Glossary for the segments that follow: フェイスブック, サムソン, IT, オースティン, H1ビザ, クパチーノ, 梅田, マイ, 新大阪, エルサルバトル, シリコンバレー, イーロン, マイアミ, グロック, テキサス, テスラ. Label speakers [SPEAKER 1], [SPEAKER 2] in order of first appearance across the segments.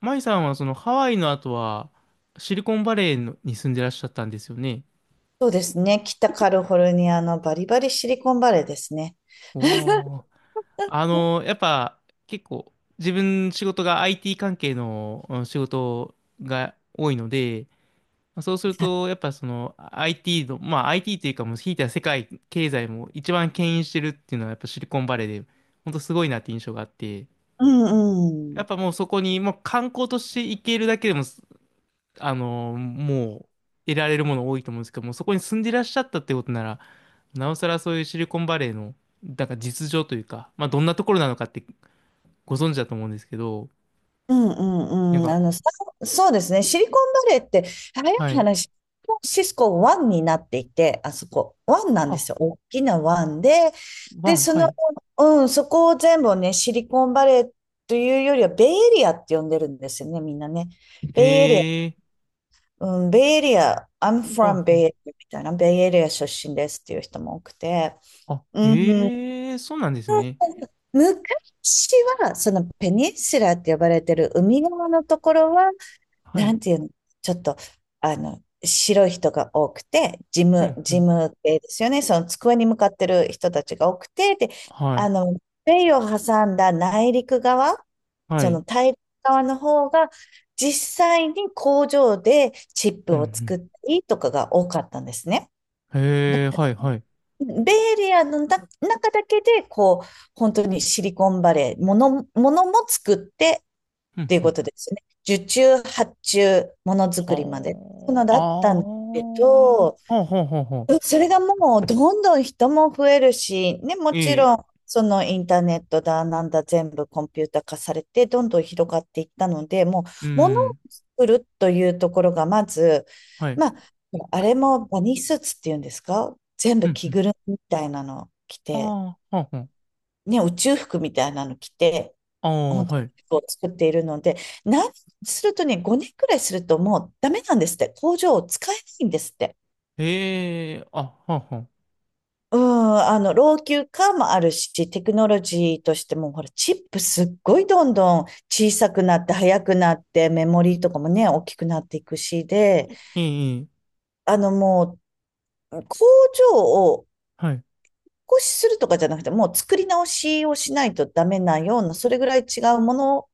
[SPEAKER 1] マイさんはそのハワイの後はシリコンバレーのに住んでらっしゃったんですよね。
[SPEAKER 2] そうですね。北カリフォルニアのバリバリシリコンバレーですね。
[SPEAKER 1] おー。あの、やっぱ結構自分仕事が IT 関係の仕事が多いので、そうするとやっぱその IT の、まあ IT というかもうひいては世界経済も一番牽引してるっていうのはやっぱシリコンバレーで本当すごいなって印象があって、
[SPEAKER 2] うんう
[SPEAKER 1] やっ
[SPEAKER 2] ん。
[SPEAKER 1] ぱもうそこにもう観光として行けるだけでもあの、もう、得られるもの多いと思うんですけども、そこに住んでいらっしゃったってことなら、なおさらそういうシリコンバレーの、なんか実情というか、まあ、どんなところなのかってご存知だと思うんですけど、
[SPEAKER 2] うんう
[SPEAKER 1] なん
[SPEAKER 2] んうん。あ
[SPEAKER 1] か、
[SPEAKER 2] の、さそうですね。シリコンバレーって、早い
[SPEAKER 1] はい。
[SPEAKER 2] 話、サンフランシスコ湾になっていて、あそこ、湾なんで
[SPEAKER 1] あ、
[SPEAKER 2] すよ。大きな湾で、
[SPEAKER 1] ワ
[SPEAKER 2] で、
[SPEAKER 1] ン、
[SPEAKER 2] そ
[SPEAKER 1] は
[SPEAKER 2] の、
[SPEAKER 1] い。
[SPEAKER 2] うん、そこを全部ね、シリコンバレーというよりは、ベイエリアって呼んでるんですよね、みんなね。ベイエリア、
[SPEAKER 1] へえ、
[SPEAKER 2] うん、ベイエリア、I'm
[SPEAKER 1] あ、
[SPEAKER 2] from ベイ
[SPEAKER 1] は
[SPEAKER 2] エリアみたいな、ベイエリア出身ですっていう人も多くて、
[SPEAKER 1] あ、
[SPEAKER 2] うん
[SPEAKER 1] へえ、そうなんですね。
[SPEAKER 2] 昔は、そのペニンシュラーって呼ばれてる海側のところは、
[SPEAKER 1] は
[SPEAKER 2] な
[SPEAKER 1] い。
[SPEAKER 2] んていうの、ちょっと、白い人が多くて、
[SPEAKER 1] ほんほ
[SPEAKER 2] 事
[SPEAKER 1] ん。
[SPEAKER 2] 務系ですよね。その机に向かってる人たちが多くて、で、
[SPEAKER 1] は
[SPEAKER 2] あ
[SPEAKER 1] い。
[SPEAKER 2] の、米を挟んだ内陸側、
[SPEAKER 1] は
[SPEAKER 2] その
[SPEAKER 1] い。
[SPEAKER 2] 大陸側の方が、実際に工場でチップ
[SPEAKER 1] う
[SPEAKER 2] を作
[SPEAKER 1] ん、
[SPEAKER 2] ったりとかが多かったんですね。
[SPEAKER 1] うん。
[SPEAKER 2] だ
[SPEAKER 1] へ
[SPEAKER 2] か
[SPEAKER 1] え、はい、はい。
[SPEAKER 2] ベイエリアの中だけで、こう、本当にシリコンバレー、ものも作ってっ
[SPEAKER 1] うん、
[SPEAKER 2] ていう
[SPEAKER 1] う
[SPEAKER 2] こ
[SPEAKER 1] ん。
[SPEAKER 2] とですね。受注、発注、ものづくりまで。そういう
[SPEAKER 1] は
[SPEAKER 2] のだったんだ
[SPEAKER 1] あ、
[SPEAKER 2] けど、
[SPEAKER 1] ああ、ほうほうほうほ
[SPEAKER 2] それがもうどんどん人も増えるし、ね、も
[SPEAKER 1] う。
[SPEAKER 2] ち
[SPEAKER 1] ええ、
[SPEAKER 2] ろんそのインターネットだなんだ全部コンピュータ化されてどんどん広がっていったので、もう
[SPEAKER 1] う
[SPEAKER 2] 物を
[SPEAKER 1] ん。
[SPEAKER 2] 作るというところがまず、
[SPEAKER 1] はい。
[SPEAKER 2] まあ、あれもバニースーツっていうんですか、全
[SPEAKER 1] う
[SPEAKER 2] 部
[SPEAKER 1] んう
[SPEAKER 2] 着
[SPEAKER 1] ん。
[SPEAKER 2] ぐるみみたいなの着
[SPEAKER 1] あ
[SPEAKER 2] て、
[SPEAKER 1] あ、はんはん。
[SPEAKER 2] ね、宇宙服みたいなの着て、
[SPEAKER 1] ああ、
[SPEAKER 2] 本当に
[SPEAKER 1] はい。
[SPEAKER 2] 服を作っているので、何するとね、5年くらいするともうダメなんですって、工場を使えないんですって。
[SPEAKER 1] ええ、あ、はんはん。
[SPEAKER 2] うん、あの、老朽化もあるし、テクノロジーとしても、ほら、チップすっごいどんどん小さくなって、速くなって、メモリーとかもね、大きくなっていくし、で、
[SPEAKER 1] いい、いい。
[SPEAKER 2] あの、もう、工場を
[SPEAKER 1] はい。
[SPEAKER 2] 少しするとかじゃなくて、もう作り直しをしないとダメなような、それぐらい違うものを、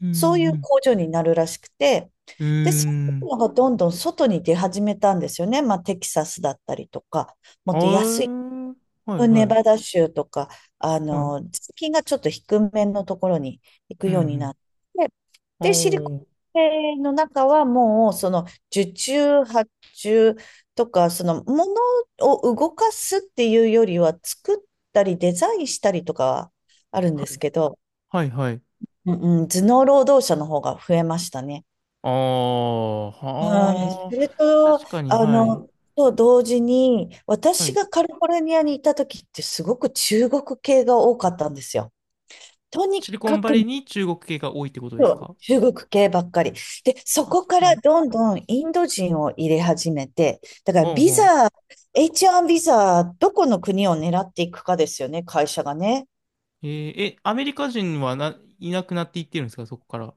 [SPEAKER 1] う
[SPEAKER 2] そうい
[SPEAKER 1] ん、う
[SPEAKER 2] う
[SPEAKER 1] ん。
[SPEAKER 2] 工場になるらしくて、
[SPEAKER 1] うー
[SPEAKER 2] で、そうい
[SPEAKER 1] ん。
[SPEAKER 2] うのがどんどん外に出始めたんですよね。まあ、テキサスだったりとか、も
[SPEAKER 1] あ
[SPEAKER 2] っと安い
[SPEAKER 1] ー、はい、は
[SPEAKER 2] ネ
[SPEAKER 1] い。
[SPEAKER 2] バダ州とか、あ
[SPEAKER 1] はい。
[SPEAKER 2] の、税金がちょっと低めのところに行
[SPEAKER 1] う
[SPEAKER 2] く
[SPEAKER 1] ん、う
[SPEAKER 2] ようにな
[SPEAKER 1] ん。
[SPEAKER 2] って、
[SPEAKER 1] ああ、
[SPEAKER 2] で、シリコンバレーの中はもう、その、受注、発注とか、その、ものを動かすっていうよりは、作ったりデザインしたりとかはあるん
[SPEAKER 1] は
[SPEAKER 2] です
[SPEAKER 1] い、
[SPEAKER 2] けど、
[SPEAKER 1] はい、はい。
[SPEAKER 2] うんうん、頭脳労働者の方が増えましたね。
[SPEAKER 1] ああ、
[SPEAKER 2] はい、そ
[SPEAKER 1] は
[SPEAKER 2] れ
[SPEAKER 1] あ。
[SPEAKER 2] と、
[SPEAKER 1] 確かに、
[SPEAKER 2] あ
[SPEAKER 1] はい。
[SPEAKER 2] の、と同時に、
[SPEAKER 1] は
[SPEAKER 2] 私
[SPEAKER 1] い。
[SPEAKER 2] がカリフォルニアにいた時ってすごく中国系が多かったんですよ。とに
[SPEAKER 1] シリコ
[SPEAKER 2] か
[SPEAKER 1] ンバ
[SPEAKER 2] く
[SPEAKER 1] レーに中国系が多いってことですか？
[SPEAKER 2] 中国系ばっかり。で、そ
[SPEAKER 1] あ、
[SPEAKER 2] こ
[SPEAKER 1] そ
[SPEAKER 2] か
[SPEAKER 1] う、は
[SPEAKER 2] ら
[SPEAKER 1] い。
[SPEAKER 2] どんどんインド人を入れ始めて、だから
[SPEAKER 1] はあ、
[SPEAKER 2] ビ
[SPEAKER 1] は
[SPEAKER 2] ザ、
[SPEAKER 1] あ。
[SPEAKER 2] H1 ビザ、どこの国を狙っていくかですよね、会社がね。
[SPEAKER 1] えー、え、アメリカ人はな、いなくなっていってるんですかそこから？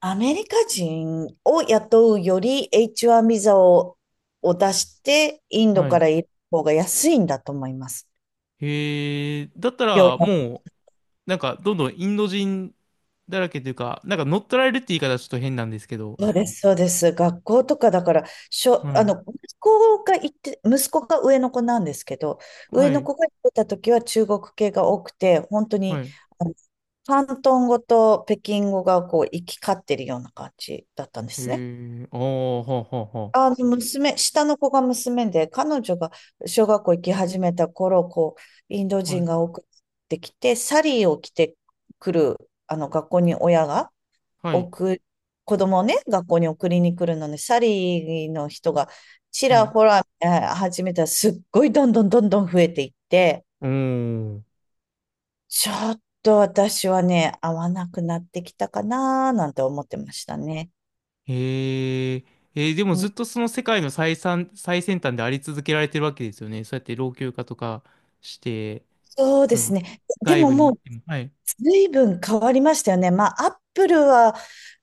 [SPEAKER 2] アメリカ人を雇うより H1 ビザを、出して、インド
[SPEAKER 1] は
[SPEAKER 2] か
[SPEAKER 1] い。
[SPEAKER 2] ら入れる方が安いんだと思います。
[SPEAKER 1] へえ、だった
[SPEAKER 2] 要
[SPEAKER 1] ら、
[SPEAKER 2] は
[SPEAKER 1] もう、なんか、どんどんインド人だらけというか、なんか乗っ取られるって言い方はちょっと変なんですけど、
[SPEAKER 2] そうです、そうです。学校とかだから、
[SPEAKER 1] は
[SPEAKER 2] あ
[SPEAKER 1] い、
[SPEAKER 2] の、息子が行って、息子が上の子なんですけど、
[SPEAKER 1] は
[SPEAKER 2] 上の
[SPEAKER 1] い、
[SPEAKER 2] 子が行ってた時は中国系が多くて、本当に、
[SPEAKER 1] はい、
[SPEAKER 2] あの、広東語と北京語がこう行き交ってるような感じだったんで
[SPEAKER 1] へ
[SPEAKER 2] すね。
[SPEAKER 1] え、ああ、はあ、は
[SPEAKER 2] あの、娘、下の子が娘で、彼女が小学校行き始めた頃、こう、インド
[SPEAKER 1] あ、はあ、は
[SPEAKER 2] 人
[SPEAKER 1] い、
[SPEAKER 2] が多くてきて、サリーを着てくる、あの、学校に親が、
[SPEAKER 1] はい、
[SPEAKER 2] 送子供をね、学校に送りに来るのに、サリーの人がち
[SPEAKER 1] は
[SPEAKER 2] ら
[SPEAKER 1] い、
[SPEAKER 2] ほら、始めたらすっごいどんどんどんどん増えていって、
[SPEAKER 1] おー、
[SPEAKER 2] ちょっと私はね、合わなくなってきたかななんて思ってましたね。
[SPEAKER 1] へえ、えーでも
[SPEAKER 2] うん
[SPEAKER 1] ずっとその世界の最先、最先端であり続けられてるわけですよね。そうやって老朽化とかして、
[SPEAKER 2] そうで
[SPEAKER 1] そ
[SPEAKER 2] す
[SPEAKER 1] の、
[SPEAKER 2] ね。で
[SPEAKER 1] 外
[SPEAKER 2] も
[SPEAKER 1] 部に
[SPEAKER 2] も
[SPEAKER 1] 行っ
[SPEAKER 2] う、
[SPEAKER 1] ても、はい、
[SPEAKER 2] 随分変わりましたよね。まあ、アップルは、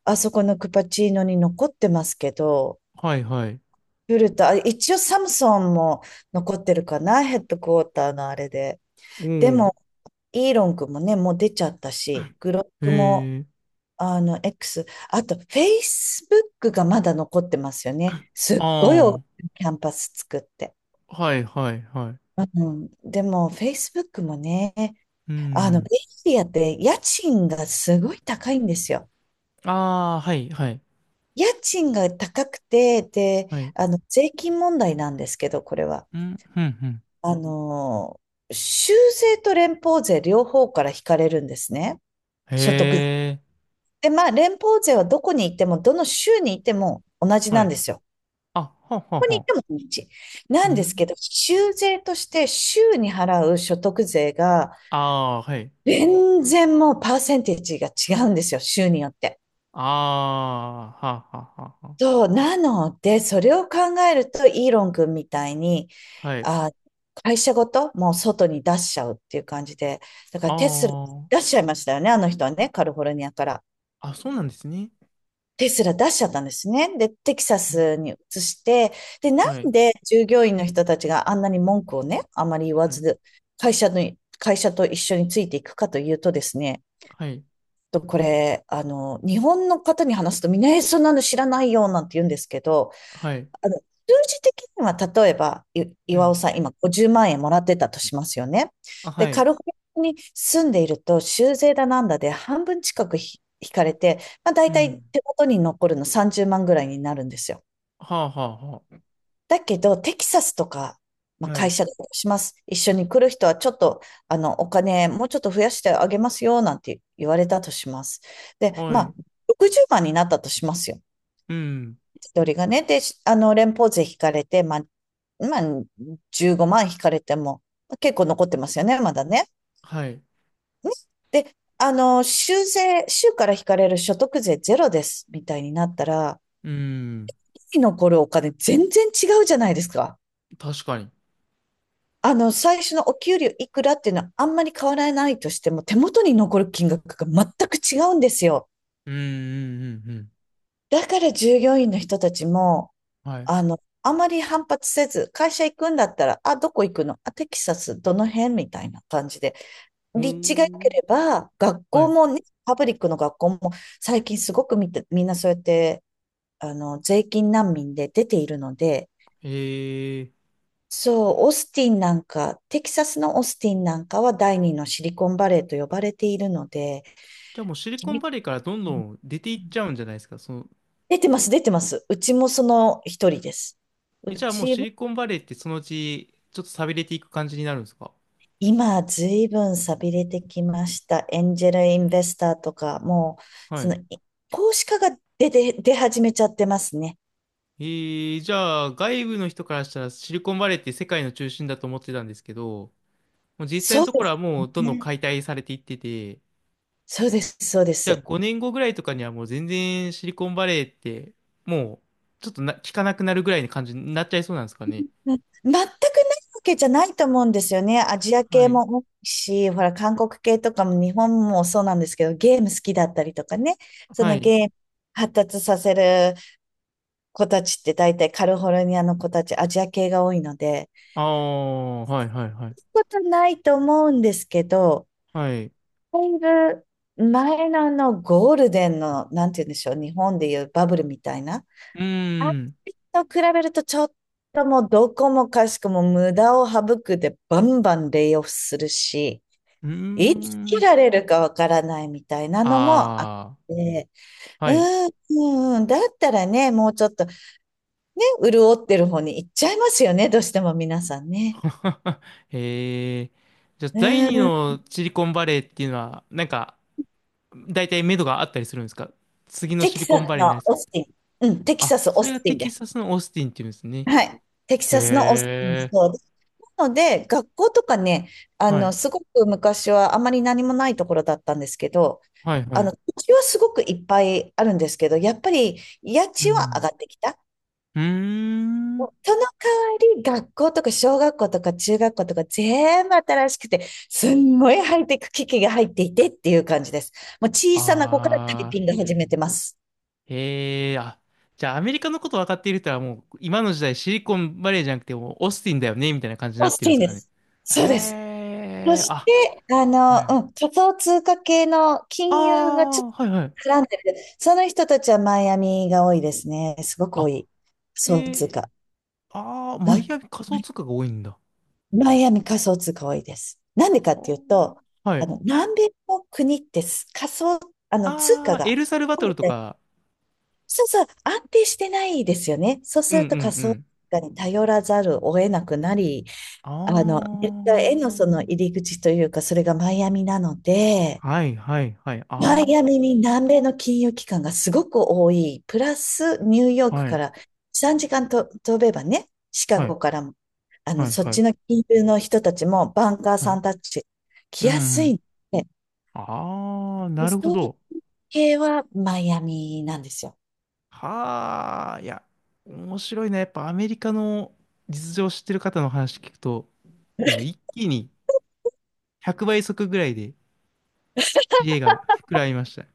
[SPEAKER 2] あそこのクパチーノに残ってますけど、
[SPEAKER 1] はい、はい、
[SPEAKER 2] フルと、あ一応サムソンも残ってるかな、ヘッドクォーターのあれで。
[SPEAKER 1] お
[SPEAKER 2] で
[SPEAKER 1] ー、
[SPEAKER 2] も、イーロン君もね、もう出ちゃったし、グロックも、
[SPEAKER 1] へえ、
[SPEAKER 2] あの、X、あと、フェイスブックがまだ残ってますよね。すっごい大
[SPEAKER 1] あ
[SPEAKER 2] きなキャンパス作って。
[SPEAKER 1] あ、はい、はい、はい、
[SPEAKER 2] うん、でも、フェイスブックもね、
[SPEAKER 1] う
[SPEAKER 2] あの、ベ
[SPEAKER 1] ん、
[SPEAKER 2] イエリアって家賃がすごい高いんですよ。
[SPEAKER 1] ああ、はい、はい、
[SPEAKER 2] 家賃が高くて、で、
[SPEAKER 1] はい。
[SPEAKER 2] あの、税金問題なんですけど、これは。
[SPEAKER 1] うん、うん、うん。
[SPEAKER 2] あの、州税と連邦税両方から引かれるんですね。所得
[SPEAKER 1] へえ、
[SPEAKER 2] で、まあ、連邦税はどこに行っても、どの州に行っても同じ
[SPEAKER 1] は
[SPEAKER 2] なん
[SPEAKER 1] い。
[SPEAKER 2] ですよ。
[SPEAKER 1] あ、はは
[SPEAKER 2] どこに行
[SPEAKER 1] は。
[SPEAKER 2] っても同じ。な
[SPEAKER 1] う
[SPEAKER 2] んです
[SPEAKER 1] ん。
[SPEAKER 2] けど、州税として州に払う所得税が、
[SPEAKER 1] ああ、はい。
[SPEAKER 2] 全然もうパーセンテージが違うんですよ、州によって。
[SPEAKER 1] ああ、はははは。
[SPEAKER 2] そう、なので、それを考えると、イーロン君みたいに、
[SPEAKER 1] はい。
[SPEAKER 2] あ、会社ごともう外に出しちゃうっていう感じで、だからテスラ
[SPEAKER 1] あ
[SPEAKER 2] 出しちゃいましたよね、あの人はね、カリフォルニアから。
[SPEAKER 1] あ、あ、そうなんですね。
[SPEAKER 2] テスラ出しちゃったんですね。で、テキサ
[SPEAKER 1] うん、
[SPEAKER 2] スに移して、で、な
[SPEAKER 1] は
[SPEAKER 2] ん
[SPEAKER 1] い、
[SPEAKER 2] で従業員の人たちがあんなに文句をね、あまり言わ
[SPEAKER 1] はい、
[SPEAKER 2] ず、会社の、会社と一緒についていくかというとですね、
[SPEAKER 1] はい、
[SPEAKER 2] とこれ、あの、日本の方に話すとみんな、え、そんなの知らないよ、なんて言うんですけど、
[SPEAKER 1] はい。
[SPEAKER 2] あの、数字的には、例えば、
[SPEAKER 1] う
[SPEAKER 2] 岩尾
[SPEAKER 1] ん。
[SPEAKER 2] さん、今50万円もらってたとしますよね。
[SPEAKER 1] あ、
[SPEAKER 2] で、
[SPEAKER 1] は
[SPEAKER 2] カ
[SPEAKER 1] い。
[SPEAKER 2] リフォルニアに住んでいると、州税だなんだで半分近く引かれて、まあ、大
[SPEAKER 1] う
[SPEAKER 2] 体
[SPEAKER 1] ん。
[SPEAKER 2] 手元に残るの30万ぐらいになるんですよ。
[SPEAKER 1] はあ、はあ、は
[SPEAKER 2] だけど、テキサスとか、ま
[SPEAKER 1] あ。
[SPEAKER 2] あ、
[SPEAKER 1] は
[SPEAKER 2] 会
[SPEAKER 1] い。
[SPEAKER 2] 社だとします。一緒に来る人はちょっと、あの、お金もうちょっと増やしてあげますよ、なんて言われたとします。で、
[SPEAKER 1] は
[SPEAKER 2] ま
[SPEAKER 1] い。
[SPEAKER 2] あ、60万になったとしますよ。
[SPEAKER 1] うん。
[SPEAKER 2] 一人がね。で、あの、連邦税引かれて、まあ、15万引かれても、結構残ってますよね、まだね。
[SPEAKER 1] はい。
[SPEAKER 2] ねで、あの、州税、州から引かれる所得税ゼロです、みたいになったら、
[SPEAKER 1] うん。
[SPEAKER 2] 日々残るお金全然違うじゃないですか。
[SPEAKER 1] 確かに。
[SPEAKER 2] あの、最初のお給料いくらっていうのはあんまり変わらないとしても、手元に残る金額が全く違うんですよ。
[SPEAKER 1] うん、うん、うん、うん。
[SPEAKER 2] だから従業員の人たちも、
[SPEAKER 1] はい。
[SPEAKER 2] あの、あまり反発せず、会社行くんだったら、あ、どこ行くの、あ、テキサス、どの辺みたいな感じで。
[SPEAKER 1] ほ
[SPEAKER 2] 立地が良け
[SPEAKER 1] ー。
[SPEAKER 2] れば、学
[SPEAKER 1] は
[SPEAKER 2] 校
[SPEAKER 1] い。
[SPEAKER 2] もね、パブリックの学校も、最近すごくみて、みんなそうやって、あの、税金難民で出ているので、
[SPEAKER 1] ええ。
[SPEAKER 2] そう、オースティンなんか、テキサスのオースティンなんかは第二のシリコンバレーと呼ばれているので、
[SPEAKER 1] じゃあもうシリコン
[SPEAKER 2] 君
[SPEAKER 1] バレーからどんどん出ていっちゃうんじゃないですか？その、
[SPEAKER 2] 出てます、出てます。うちもその一人です。う
[SPEAKER 1] え、じゃあもう
[SPEAKER 2] ち
[SPEAKER 1] シ
[SPEAKER 2] も
[SPEAKER 1] リコンバレーってそのうちちょっと寂れていく感じになるんですか？
[SPEAKER 2] 今、ずいぶん寂れてきました。エンジェルインベスターとか、もう、
[SPEAKER 1] は
[SPEAKER 2] そ
[SPEAKER 1] い。
[SPEAKER 2] の、投資家が出て、出始めちゃってますね。
[SPEAKER 1] えー、じゃあ外部の人からしたらシリコンバレーって世界の中心だと思ってたんですけど、もう実際
[SPEAKER 2] そ
[SPEAKER 1] の
[SPEAKER 2] う
[SPEAKER 1] と
[SPEAKER 2] で
[SPEAKER 1] ころ
[SPEAKER 2] す
[SPEAKER 1] はもうどんどん
[SPEAKER 2] ね。
[SPEAKER 1] 解体されていってて、
[SPEAKER 2] そうです、そうで
[SPEAKER 1] じゃあ
[SPEAKER 2] す。
[SPEAKER 1] 5年後ぐらいとかにはもう全然シリコンバレーってもうちょっとな、聞かなくなるぐらいの感じになっちゃいそうなんですかね？
[SPEAKER 2] うん、全くないわけじゃないと思うんですよね。アジア
[SPEAKER 1] は
[SPEAKER 2] 系
[SPEAKER 1] い。
[SPEAKER 2] も多いし、ほら、韓国系とかも日本もそうなんですけど、ゲーム好きだったりとかね。そ
[SPEAKER 1] は
[SPEAKER 2] の
[SPEAKER 1] い。
[SPEAKER 2] ゲーム発達させる子たちって大体カリフォルニアの子たち、アジア系が多いので、
[SPEAKER 1] ああ、はいはいはい。
[SPEAKER 2] ことないと思うんですけど、
[SPEAKER 1] はい。う
[SPEAKER 2] だいぶ前のあのゴールデンの、なんて言うんでしょう、日本でいうバブルみたいな。
[SPEAKER 1] ー
[SPEAKER 2] あれ
[SPEAKER 1] ん。
[SPEAKER 2] と比べるとちょっともうどこもかしこも無駄を省くでバンバンレイオフするし、
[SPEAKER 1] うー
[SPEAKER 2] いつ切
[SPEAKER 1] ん。
[SPEAKER 2] られるかわからないみたいなのもあっ
[SPEAKER 1] あ
[SPEAKER 2] て、
[SPEAKER 1] あ、
[SPEAKER 2] う
[SPEAKER 1] はい。
[SPEAKER 2] ん、うだったらね、もうちょっとね、潤ってる方に行っちゃいますよね、どうしても皆さんね。
[SPEAKER 1] へえ。じゃあ、
[SPEAKER 2] う
[SPEAKER 1] 第二
[SPEAKER 2] ん、
[SPEAKER 1] のシリコンバレーっていうのは、なんか、大体目処があったりするんですか？次の
[SPEAKER 2] テ
[SPEAKER 1] シ
[SPEAKER 2] キ
[SPEAKER 1] リコ
[SPEAKER 2] サ
[SPEAKER 1] ンバ
[SPEAKER 2] ス
[SPEAKER 1] レーにな
[SPEAKER 2] の
[SPEAKER 1] り
[SPEAKER 2] オ
[SPEAKER 1] そ
[SPEAKER 2] ー
[SPEAKER 1] う。
[SPEAKER 2] スティン。うん、テキ
[SPEAKER 1] あ、
[SPEAKER 2] サス、オ
[SPEAKER 1] そ
[SPEAKER 2] ー
[SPEAKER 1] れが
[SPEAKER 2] スティ
[SPEAKER 1] テ
[SPEAKER 2] ンで
[SPEAKER 1] キ
[SPEAKER 2] す。
[SPEAKER 1] サスのオースティンっていうんですね。
[SPEAKER 2] はい。テキ
[SPEAKER 1] へ
[SPEAKER 2] サスのオースティン、
[SPEAKER 1] え。
[SPEAKER 2] そう。なので、学校とかね、あ
[SPEAKER 1] は
[SPEAKER 2] の、
[SPEAKER 1] い。
[SPEAKER 2] すごく昔はあまり何もないところだったんですけど、
[SPEAKER 1] はい、
[SPEAKER 2] あ
[SPEAKER 1] は
[SPEAKER 2] の、
[SPEAKER 1] い。
[SPEAKER 2] 土地はすごくいっぱいあるんですけど、やっぱり家
[SPEAKER 1] う
[SPEAKER 2] 賃は上
[SPEAKER 1] ん。
[SPEAKER 2] がってきた。
[SPEAKER 1] うーん。
[SPEAKER 2] その代わり、学校とか小学校とか中学校とか全部新しくて、すんごいハイテク機器が入っていてっていう感じです。もう小さな子からタイ
[SPEAKER 1] あ
[SPEAKER 2] ピング始めてます。
[SPEAKER 1] ー。へえ。あ、じゃあ、アメリカのこと分かっている人はもう、今の時代シリコンバレーじゃなくて、もうオースティンだよね、みたいな感じに
[SPEAKER 2] オ
[SPEAKER 1] な
[SPEAKER 2] ー
[SPEAKER 1] っ
[SPEAKER 2] ス
[SPEAKER 1] てるん
[SPEAKER 2] テ
[SPEAKER 1] で
[SPEAKER 2] ィン
[SPEAKER 1] すか
[SPEAKER 2] で
[SPEAKER 1] らね。
[SPEAKER 2] す。そうです。
[SPEAKER 1] へ
[SPEAKER 2] そ
[SPEAKER 1] え。
[SPEAKER 2] し
[SPEAKER 1] あ、
[SPEAKER 2] て、あ
[SPEAKER 1] は
[SPEAKER 2] の、
[SPEAKER 1] い。
[SPEAKER 2] うん、仮想通貨系の
[SPEAKER 1] あ
[SPEAKER 2] 金融がちょっ
[SPEAKER 1] あ、はい、はい。
[SPEAKER 2] と絡んでる。その人たちはマイアミが多いですね。すごく多
[SPEAKER 1] あ、
[SPEAKER 2] い。仮
[SPEAKER 1] え
[SPEAKER 2] 想通
[SPEAKER 1] ー、
[SPEAKER 2] 貨。
[SPEAKER 1] ああ、
[SPEAKER 2] う
[SPEAKER 1] マ
[SPEAKER 2] ん。
[SPEAKER 1] イアミ仮想通貨が多いんだ。
[SPEAKER 2] マイアミ仮想通貨多いです。なんでかっていうと、
[SPEAKER 1] はあは
[SPEAKER 2] あ
[SPEAKER 1] い。
[SPEAKER 2] の、南米の国って仮想、あの、通
[SPEAKER 1] あ
[SPEAKER 2] 貨
[SPEAKER 1] あ、エ
[SPEAKER 2] が、
[SPEAKER 1] ルサルバトルとか。
[SPEAKER 2] そうそう、安定してないですよね。そう
[SPEAKER 1] う
[SPEAKER 2] す
[SPEAKER 1] ん
[SPEAKER 2] る
[SPEAKER 1] うん
[SPEAKER 2] と仮
[SPEAKER 1] う
[SPEAKER 2] 想通
[SPEAKER 1] ん。
[SPEAKER 2] 貨に頼らざるを得なくなり、あの、ア
[SPEAKER 1] あ
[SPEAKER 2] メリカへのその入り口というか、それがマイアミなので、
[SPEAKER 1] あ、はいはいはい。
[SPEAKER 2] マ
[SPEAKER 1] あ
[SPEAKER 2] イアミに南米の金融機関がすごく多い。プラスニューヨー
[SPEAKER 1] あ、
[SPEAKER 2] ク
[SPEAKER 1] は
[SPEAKER 2] か
[SPEAKER 1] い
[SPEAKER 2] ら3時間と飛べばね、シカ
[SPEAKER 1] はい
[SPEAKER 2] ゴからも、あの、
[SPEAKER 1] はい
[SPEAKER 2] そっ
[SPEAKER 1] はい
[SPEAKER 2] ちの金融の人たちもバンカー
[SPEAKER 1] は
[SPEAKER 2] さ
[SPEAKER 1] い。
[SPEAKER 2] んたち
[SPEAKER 1] う
[SPEAKER 2] 来
[SPEAKER 1] ん
[SPEAKER 2] や
[SPEAKER 1] う
[SPEAKER 2] すい
[SPEAKER 1] ん。
[SPEAKER 2] んで、
[SPEAKER 1] ああ、
[SPEAKER 2] リ
[SPEAKER 1] なるほ
[SPEAKER 2] うー
[SPEAKER 1] ど。
[SPEAKER 2] 系はマイアミなんですよ。
[SPEAKER 1] はあ、いや、面白いね。やっぱアメリカの実情を知ってる方の話聞くと、もう一気に100倍速ぐらいで知恵が膨らみました。